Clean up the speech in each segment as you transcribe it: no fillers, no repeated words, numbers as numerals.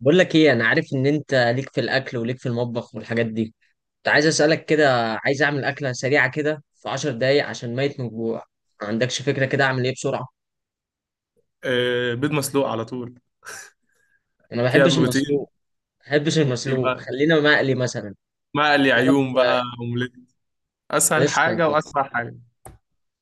بقول لك ايه، انا عارف ان انت ليك في الاكل وليك في المطبخ والحاجات دي. كنت عايز اسالك كده. عايز اعمل اكله سريعه كده في 10 دقايق عشان ميت من الجوع. ما عندكش فكره كده اعمل ايه بسرعه؟ آه، بيض مسلوق على طول. انا ما فيها بحبش بروتين. المسلوق. ما بحبش المسلوق، يبقى خلينا مقلي مثلا. مقلي تعرف. عيون بقى اومليت. اسهل لسه حاجه كده. واسرع حاجه.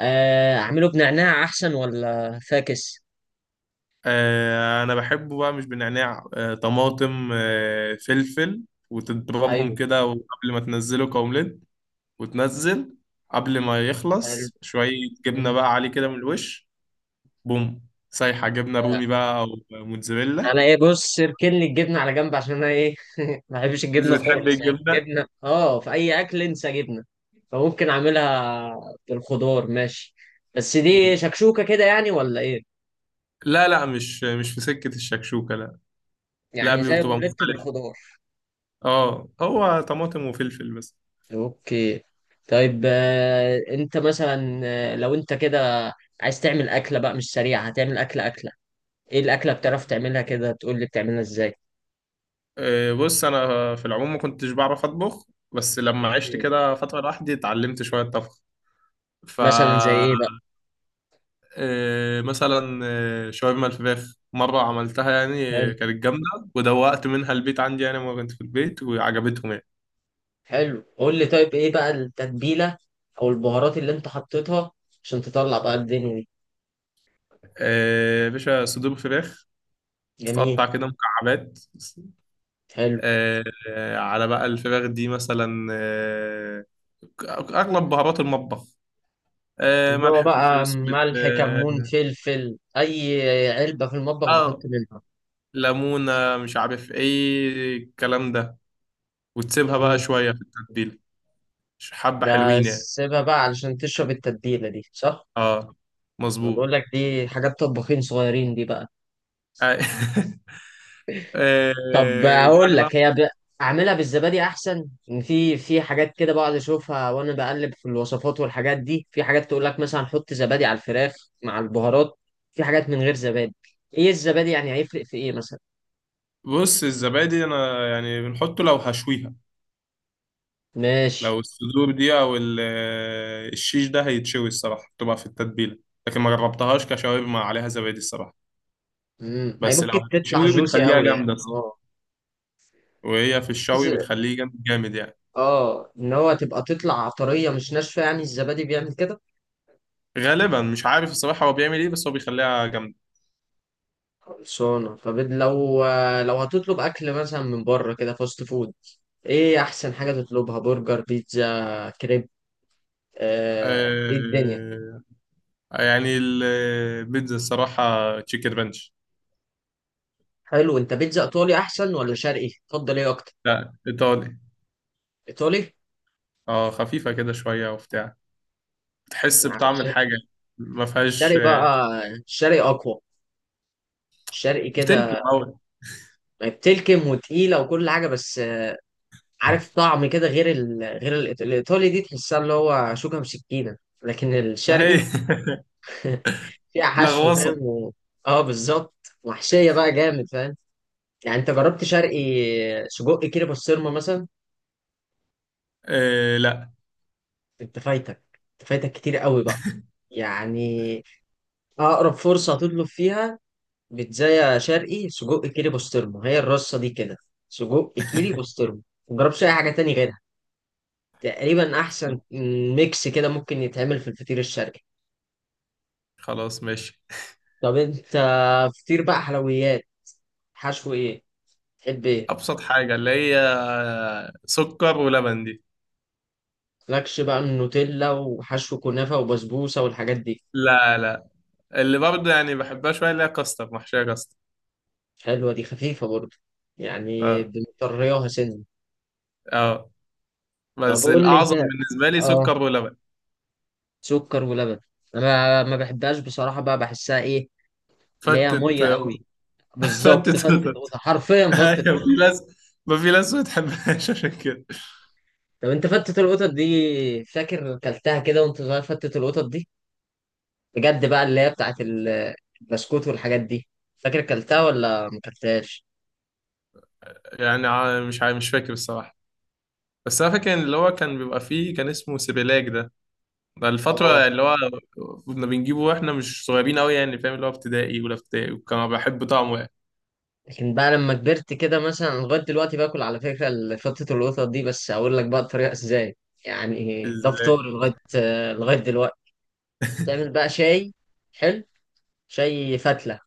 اعمله بنعناع احسن ولا فاكس؟ انا بحبه بقى، مش بنعناع، طماطم، فلفل، وتضربهم ايوه. كده، وقبل ما تنزله كاومليت، وتنزل قبل ما حلو. يخلص شويه. جبنه مم. بقى عليه كده من الوش، بوم سايحه، جبنه رومي بقى او موتزاريلا. انا ايه، بص اركن لي الجبنه على جنب عشان انا ايه ما بحبش مش الجبنه بتحب خالص، يعني الجبنه؟ الجبنه اه في اي اكل انسى جبنه. فممكن اعملها بالخضار، ماشي. بس دي شكشوكه كده يعني ولا ايه؟ لا، لا، مش في سكه الشكشوكه، لا. لا، يعني زي بتبقى اومليت مختلفه. بالخضار. اه، هو طماطم وفلفل بس. اوكي. طيب انت مثلا لو انت كده عايز تعمل اكله بقى مش سريعه، هتعمل اكله اكله ايه؟ الاكله بتعرف تعملها كده تقول لي بتعملها ازاي؟ بص، انا في العموم ما كنتش بعرف اطبخ، بس لما عشت اوكي. كده فتره لوحدي اتعلمت شويه طبخ. ف مثلا زي ايه بقى؟ مثلا، شاورما الفراخ مره عملتها، يعني حلو. كانت جامده. ودوقت منها البيت عندي، يعني لما كنت في البيت وعجبتهم يعني. حلو، قول لي طيب ايه بقى التتبيله او البهارات اللي انت حطيتها عشان تطلع بقى الدنيا دي؟ يا باشا، صدور فراخ جميل. تتقطع كده مكعبات، حلو، إيه، على بقى الفراخ دي مثلا، اغلب بهارات المطبخ، اللي هو ملح، فلفل بقى اسود، ملح كمون اه. فلفل، اي علبه في المطبخ بحط آه. منها. ليمونة، مش عارف ايه الكلام ده، وتسيبها بقى جميل. شوية في التتبيلة. حبة ده حلوين يعني. سيبها بقى علشان تشرب التتبيله دي، صح؟ اه، انا بقول مظبوط. لك دي حاجات طباخين صغيرين دي بقى. آه. طب بعد اقول ما. لك هي ب... اعملها بالزبادي احسن. ان في حاجات كده بقعد اشوفها وانا بقلب في الوصفات والحاجات دي، في حاجات تقول لك مثلا حط زبادي على الفراخ مع البهارات، في حاجات من غير زبادي. ايه الزبادي يعني، هيفرق في ايه مثلا؟ بص، الزبادي انا يعني بنحطه لو هشويها، لو ماشي. الصدور دي او الشيش ده هيتشوي، الصراحة بتبقى في التتبيلة. لكن ما جربتهاش كشاورما عليها زبادي، الصراحة. امم، هي بس ممكن لو تطلع هتتشوي جوسي بتخليها قوي يعني، جامدة، الصراحة. اه. وهي في الشوي ز-. بتخليه جامد جامد يعني. اه، ان هو تبقى تطلع طريه مش ناشفه، يعني الزبادي بيعمل كده. غالبا مش عارف الصراحة هو بيعمل ايه، بس هو بيخليها جامدة. خلصانه. طب لو هتطلب اكل مثلا من بره كده فاست فود، ايه احسن حاجه تطلبها، برجر بيتزا كريب؟ ايه الدنيا؟ آه. يعني، البيتزا الصراحة تشيكن رانش. حلو. انت بيتزا ايطالي احسن ولا شرقي، تفضل ايه اكتر؟ لا، إيطالي. ايطالي. اه، خفيفة كده شوية وبتاع، بتحس يعني بطعم الش-. الحاجة، ما فيهاش الشرقي بقى الشرقي اقوى. الشرقي كده بتلكم أوي، بتلكم وتقيله وكل حاجه، بس عارف طعم كده غير ال... غير الإيط- الايطالي دي، تحسها اللي هو شوكه بسكينه. لكن ما هي الشرقي فيها حشو، فاهم، لغوصة. و... اه بالظبط. وحشيه بقى جامد، فاهم. يعني انت جربت شرقي سجق كده بسطرمه مثلا؟ آه، لا. انت فايتك. انت فايتك كتير قوي بقى. يعني اقرب فرصه هتطلب فيها بيتزايا شرقي سجق كيري بسطرمة، هي الرصة دي كده، سجق كيري بسطرمة. مجربش أي حاجة تاني غيرها تقريبا، أحسن ميكس كده ممكن يتعمل في الفطير الشرقي. خلاص ماشي. طب أنت فطير بقى، حلويات، حشو إيه؟ تحب إيه؟ أبسط حاجة اللي هي سكر ولبن دي. مالكش بقى من نوتيلا وحشو كنافة وبسبوسة والحاجات دي؟ لا، لا، اللي برضه يعني بحبها شوية، اللي هي كاستر، محشية كاستر. حلوة دي، خفيفة برضه، يعني اه، بنطريها سنة. اه، طب بس قول لي أنت. الأعظم بالنسبة لي آه، سكر ولبن. سكر ولبن. أنا ما بحبهاش بصراحة بقى، بحسها إيه، اللي هي فتت. مية قوي. بالظبط، فتت. فتت قطط، حرفيا فتت ايوه، في قطط. ناس، ما في ناس ما بتحبهاش عشان كده. طب انت فتت القطط دي، فاكر كلتها كده وانت صغير فتت القطط دي بجد بقى، اللي هي بتاعت ال- البسكوت والحاجات دي؟ فاكر كلتها ولا ما كلتهاش؟ يعني مش فاكر الصراحه، بس انا فاكر إن اللي هو كان بيبقى فيه، كان اسمه سيبيلاك ده. ده اه، الفتره اللي هو كنا بنجيبه، واحنا مش صغيرين قوي يعني، فاهم اللي هو ابتدائي ولا ابتدائي، وكان بحب طعمه يعني. لكن بقى لما كبرت كده مثلا أنا لغايه دلوقتي باكل على فكره ال- فتت القطط دي، بس هقول لك بقى الطريقه ازاي. يعني ده ازاي؟ فطوري لغايه لغايه دلوقتي. تعمل بقى شاي، حلو، شاي فتله،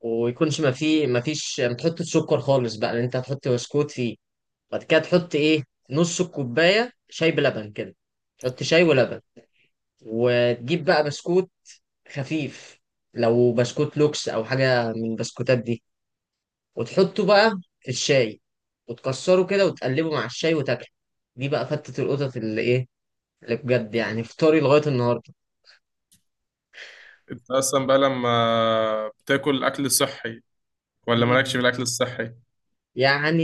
ويكونش ما فيه ما فيش ما تحطش سكر خالص بقى لان انت هتحط بسكوت فيه. بعد كده تحط ايه؟ نص الكوبايه شاي بلبن كده، تحط شاي ولبن، وتجيب بقى بسكوت خفيف، لو بسكوت لوكس او حاجه من البسكوتات دي، وتحطه بقى في الشاي وتكسره كده وتقلبه مع الشاي وتاكله. دي بقى فتة القطط اللي ايه، اللي بجد يعني فطاري لغايه النهارده. انت اصلا بقى لما بتاكل اكل صحي ولا مالكش في الاكل الصحي؟ يعني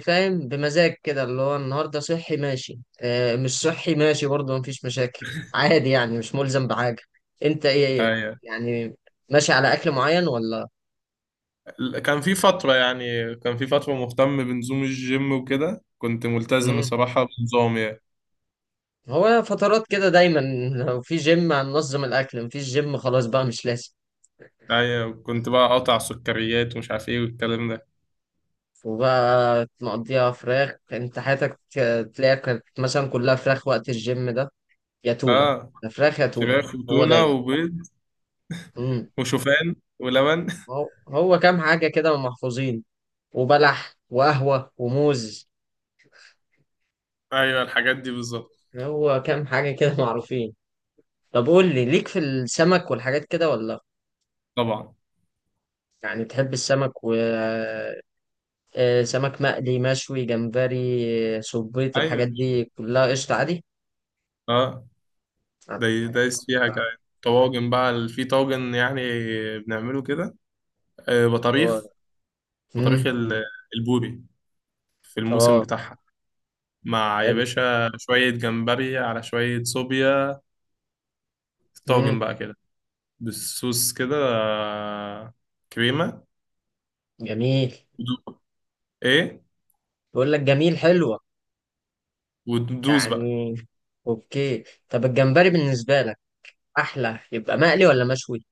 فاهم بمزاج كده، اللي هو النهارده صحي ماشي، آه مش صحي ماشي برضه، مفيش مشاكل. عادي يعني، مش ملزم بحاجة. انت ايه، ايه ايوه. يعني، ماشي على اكل معين ولا؟ كان في فتره، يعني كان في فتره مهتم بنظام الجيم وكده، كنت ملتزم مم. الصراحه بنظام يعني. هو فترات كده دايما لو في جيم هننظم الاكل، مفيش جيم خلاص بقى مش لازم. ايوه، كنت بقى قاطع سكريات ومش عارف ايه والكلام ده. وبقى مقضيها فراخ، انت حياتك تلاقيها كانت مثلا كلها فراخ وقت الجيم ده، يا تونة، اه، يا فراخ يا تونة. فراخ هو وتونة دايما. وبيض مم. وشوفان ولبن. هو هو كام حاجة كده محفوظين، وبلح وقهوة وموز. ايوه، الحاجات دي بالظبط. هو كام حاجة كده معروفين. طب قول لي، ليك في السمك والحاجات كده ولا لأ؟ طبعا. يعني بتحب السمك و سمك مقلي، مشوي، جمبري، صبيط، ايوه، الحاجات دي كلها قشطة عادي؟ اه، ده حاجات. دايس فيها كمان طواجن بقى، في طاجن يعني بنعمله كده، آه اه. بطاريخ، بطاريخ امم. البوري في الموسم اه. بتاعها، مع يا حلو. باشا شوية جمبري على شوية صوبيا، طاجن امم. بقى كده بالصوص كده، كريمة. جميل. ودو- ايه، بقول لك جميل، حلوة. وتدوس بقى. يعني اوكي. طب الجمبري بالنسبة لك احلى يبقى مقلي ولا مشوي؟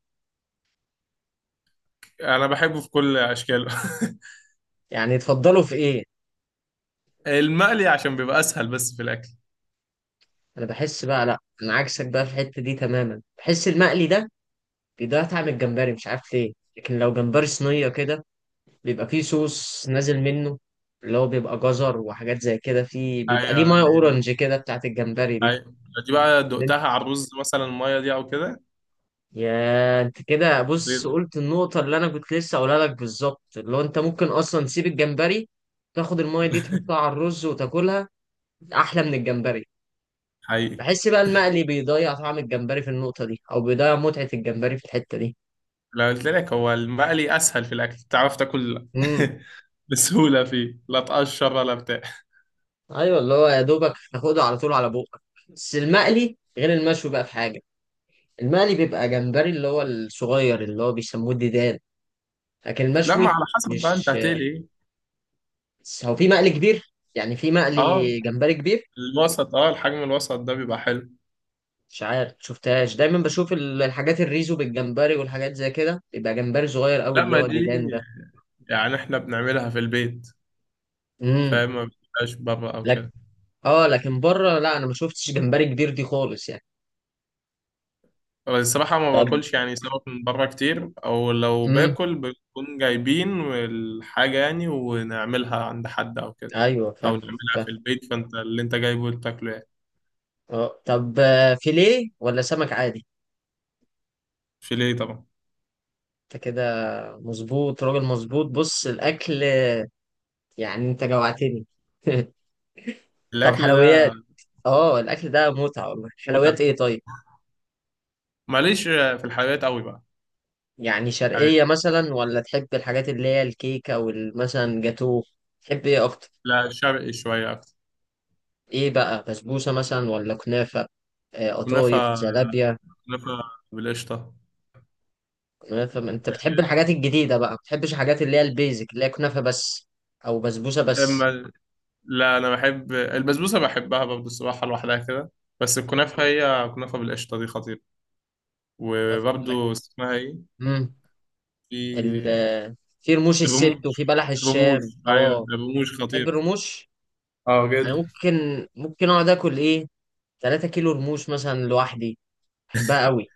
انا بحبه في كل اشكاله. يعني تفضله في ايه؟ المقلي عشان بيبقى اسهل بس في الاكل. انا بحس بقى لا انا عكسك بقى في الحته دي تماما، بحس المقلي ده بيضيع طعم الجمبري، مش عارف ليه، لكن لو جمبري صينيه كده، بيبقى فيه صوص نازل منه، اللي هو بيبقى جزر وحاجات زي كده فيه، بيبقى ليه ايوه، ميه اورنج كده بتاعت الجمبري دي. ايوه، دي بقى اللي انت-. دقتها على الرز مثلا، الميه دي او كده. يا انت كده بص، خطير. قلت النقطه اللي انا كنت لسه اقولها لك بالظبط، اللي هو انت ممكن اصلا تسيب الجمبري، تاخد الميه دي تحطها على الرز وتاكلها، احلى من الجمبري. حقيقي. بحس بقى المقلي بيضيع طعم الجمبري في النقطه دي، او بيضيع متعه الجمبري في الحته دي. لو قلت لك هو المقلي اسهل في الاكل تعرف تاكل امم. بسهوله، فيه لا تقشر ولا بتاع. ايوه، اللي هو يا دوبك تاخده على طول على بوقك. بس المقلي غير المشوي بقى في حاجه، المقلي بيبقى جمبري اللي هو الصغير اللي هو بيسموه الديدان، لكن لا، ما المشوي على حسب بقى انت مش. هتقلي ايه. بس هو في مقلي كبير، يعني في اه، مقلي جمبري كبير. الوسط، اه الحجم الوسط ده بيبقى حلو. مش عارف شفتهاش، دايما بشوف ال- الحاجات الريزو بالجمبري والحاجات زي كده بيبقى جمبري صغير قوي لا، اللي ما هو دي ديدان ده. يعني احنا بنعملها في البيت، امم. فما بتبقاش بره او لك. كده. اه، لكن بره لا، انا ما شفتش جمبري كبير دي خالص يعني. الصراحة ما طب. باكلش يعني سمك من بره كتير، أو لو امم. باكل بنكون جايبين الحاجة يعني ونعملها عند حد أو كده، ايوه، أو فاهم. نعملها في البيت، فأنت اللي أنت جايبه تاكله يعني. اه. طب فيليه ولا سمك عادي؟ فيليه طبعا. انت كده مظبوط، راجل مظبوط. بص الاكل يعني، انت جوعتني. طب الأكل حلويات. ده اه الاكل ده متعة والله. حلويات متعة. ايه طيب؟ ماليش في الحلويات أوي بقى. يعني يعني، شرقية مثلا ولا تحب الحاجات اللي هي الكيكة والمثلا جاتوه؟ تحب ايه اكتر؟ لا، شرقي شوية أكتر. ايه بقى، بسبوسة مثلا ولا كنافة، قطايف، كنافة، جلابية؟ كنافة بالقشطة. كنافة. ما انت بتحب الحاجات الجديدة بقى، ما بتحبش الحاجات اللي هي البيزك اللي هي كنافة بس او بسبوسة بس. أما لا، أنا بحب البسبوسة، بحبها برضه الصراحة لوحدها كده. بس الكنافة، مم. هي كنافة بالقشطة دي خطيرة. كنافة وبرضه اسمها إيه، بالله. ال. في في رموش الست بموج. وفي بلح بموج، الشام، ايوه، اه. بموج تحب خطير. الرموش؟ اه، انا جدا. ممكن ممكن اقعد اكل ايه 3 كيلو رموش مثلا لوحدي، بحبها قوي.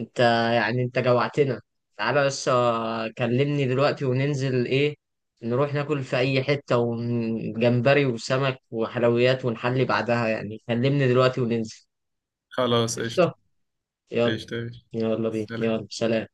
انت، يعني انت جوعتنا. تعالى بس كلمني دلوقتي وننزل ايه، نروح ناكل في اي حتة وجمبري وسمك وحلويات ونحلي بعدها، يعني كلمني دلوقتي وننزل. خلاص قشطة. قشطة. يلا. قشطة، قشطة. يلا بينا، سلام. يلا سلام.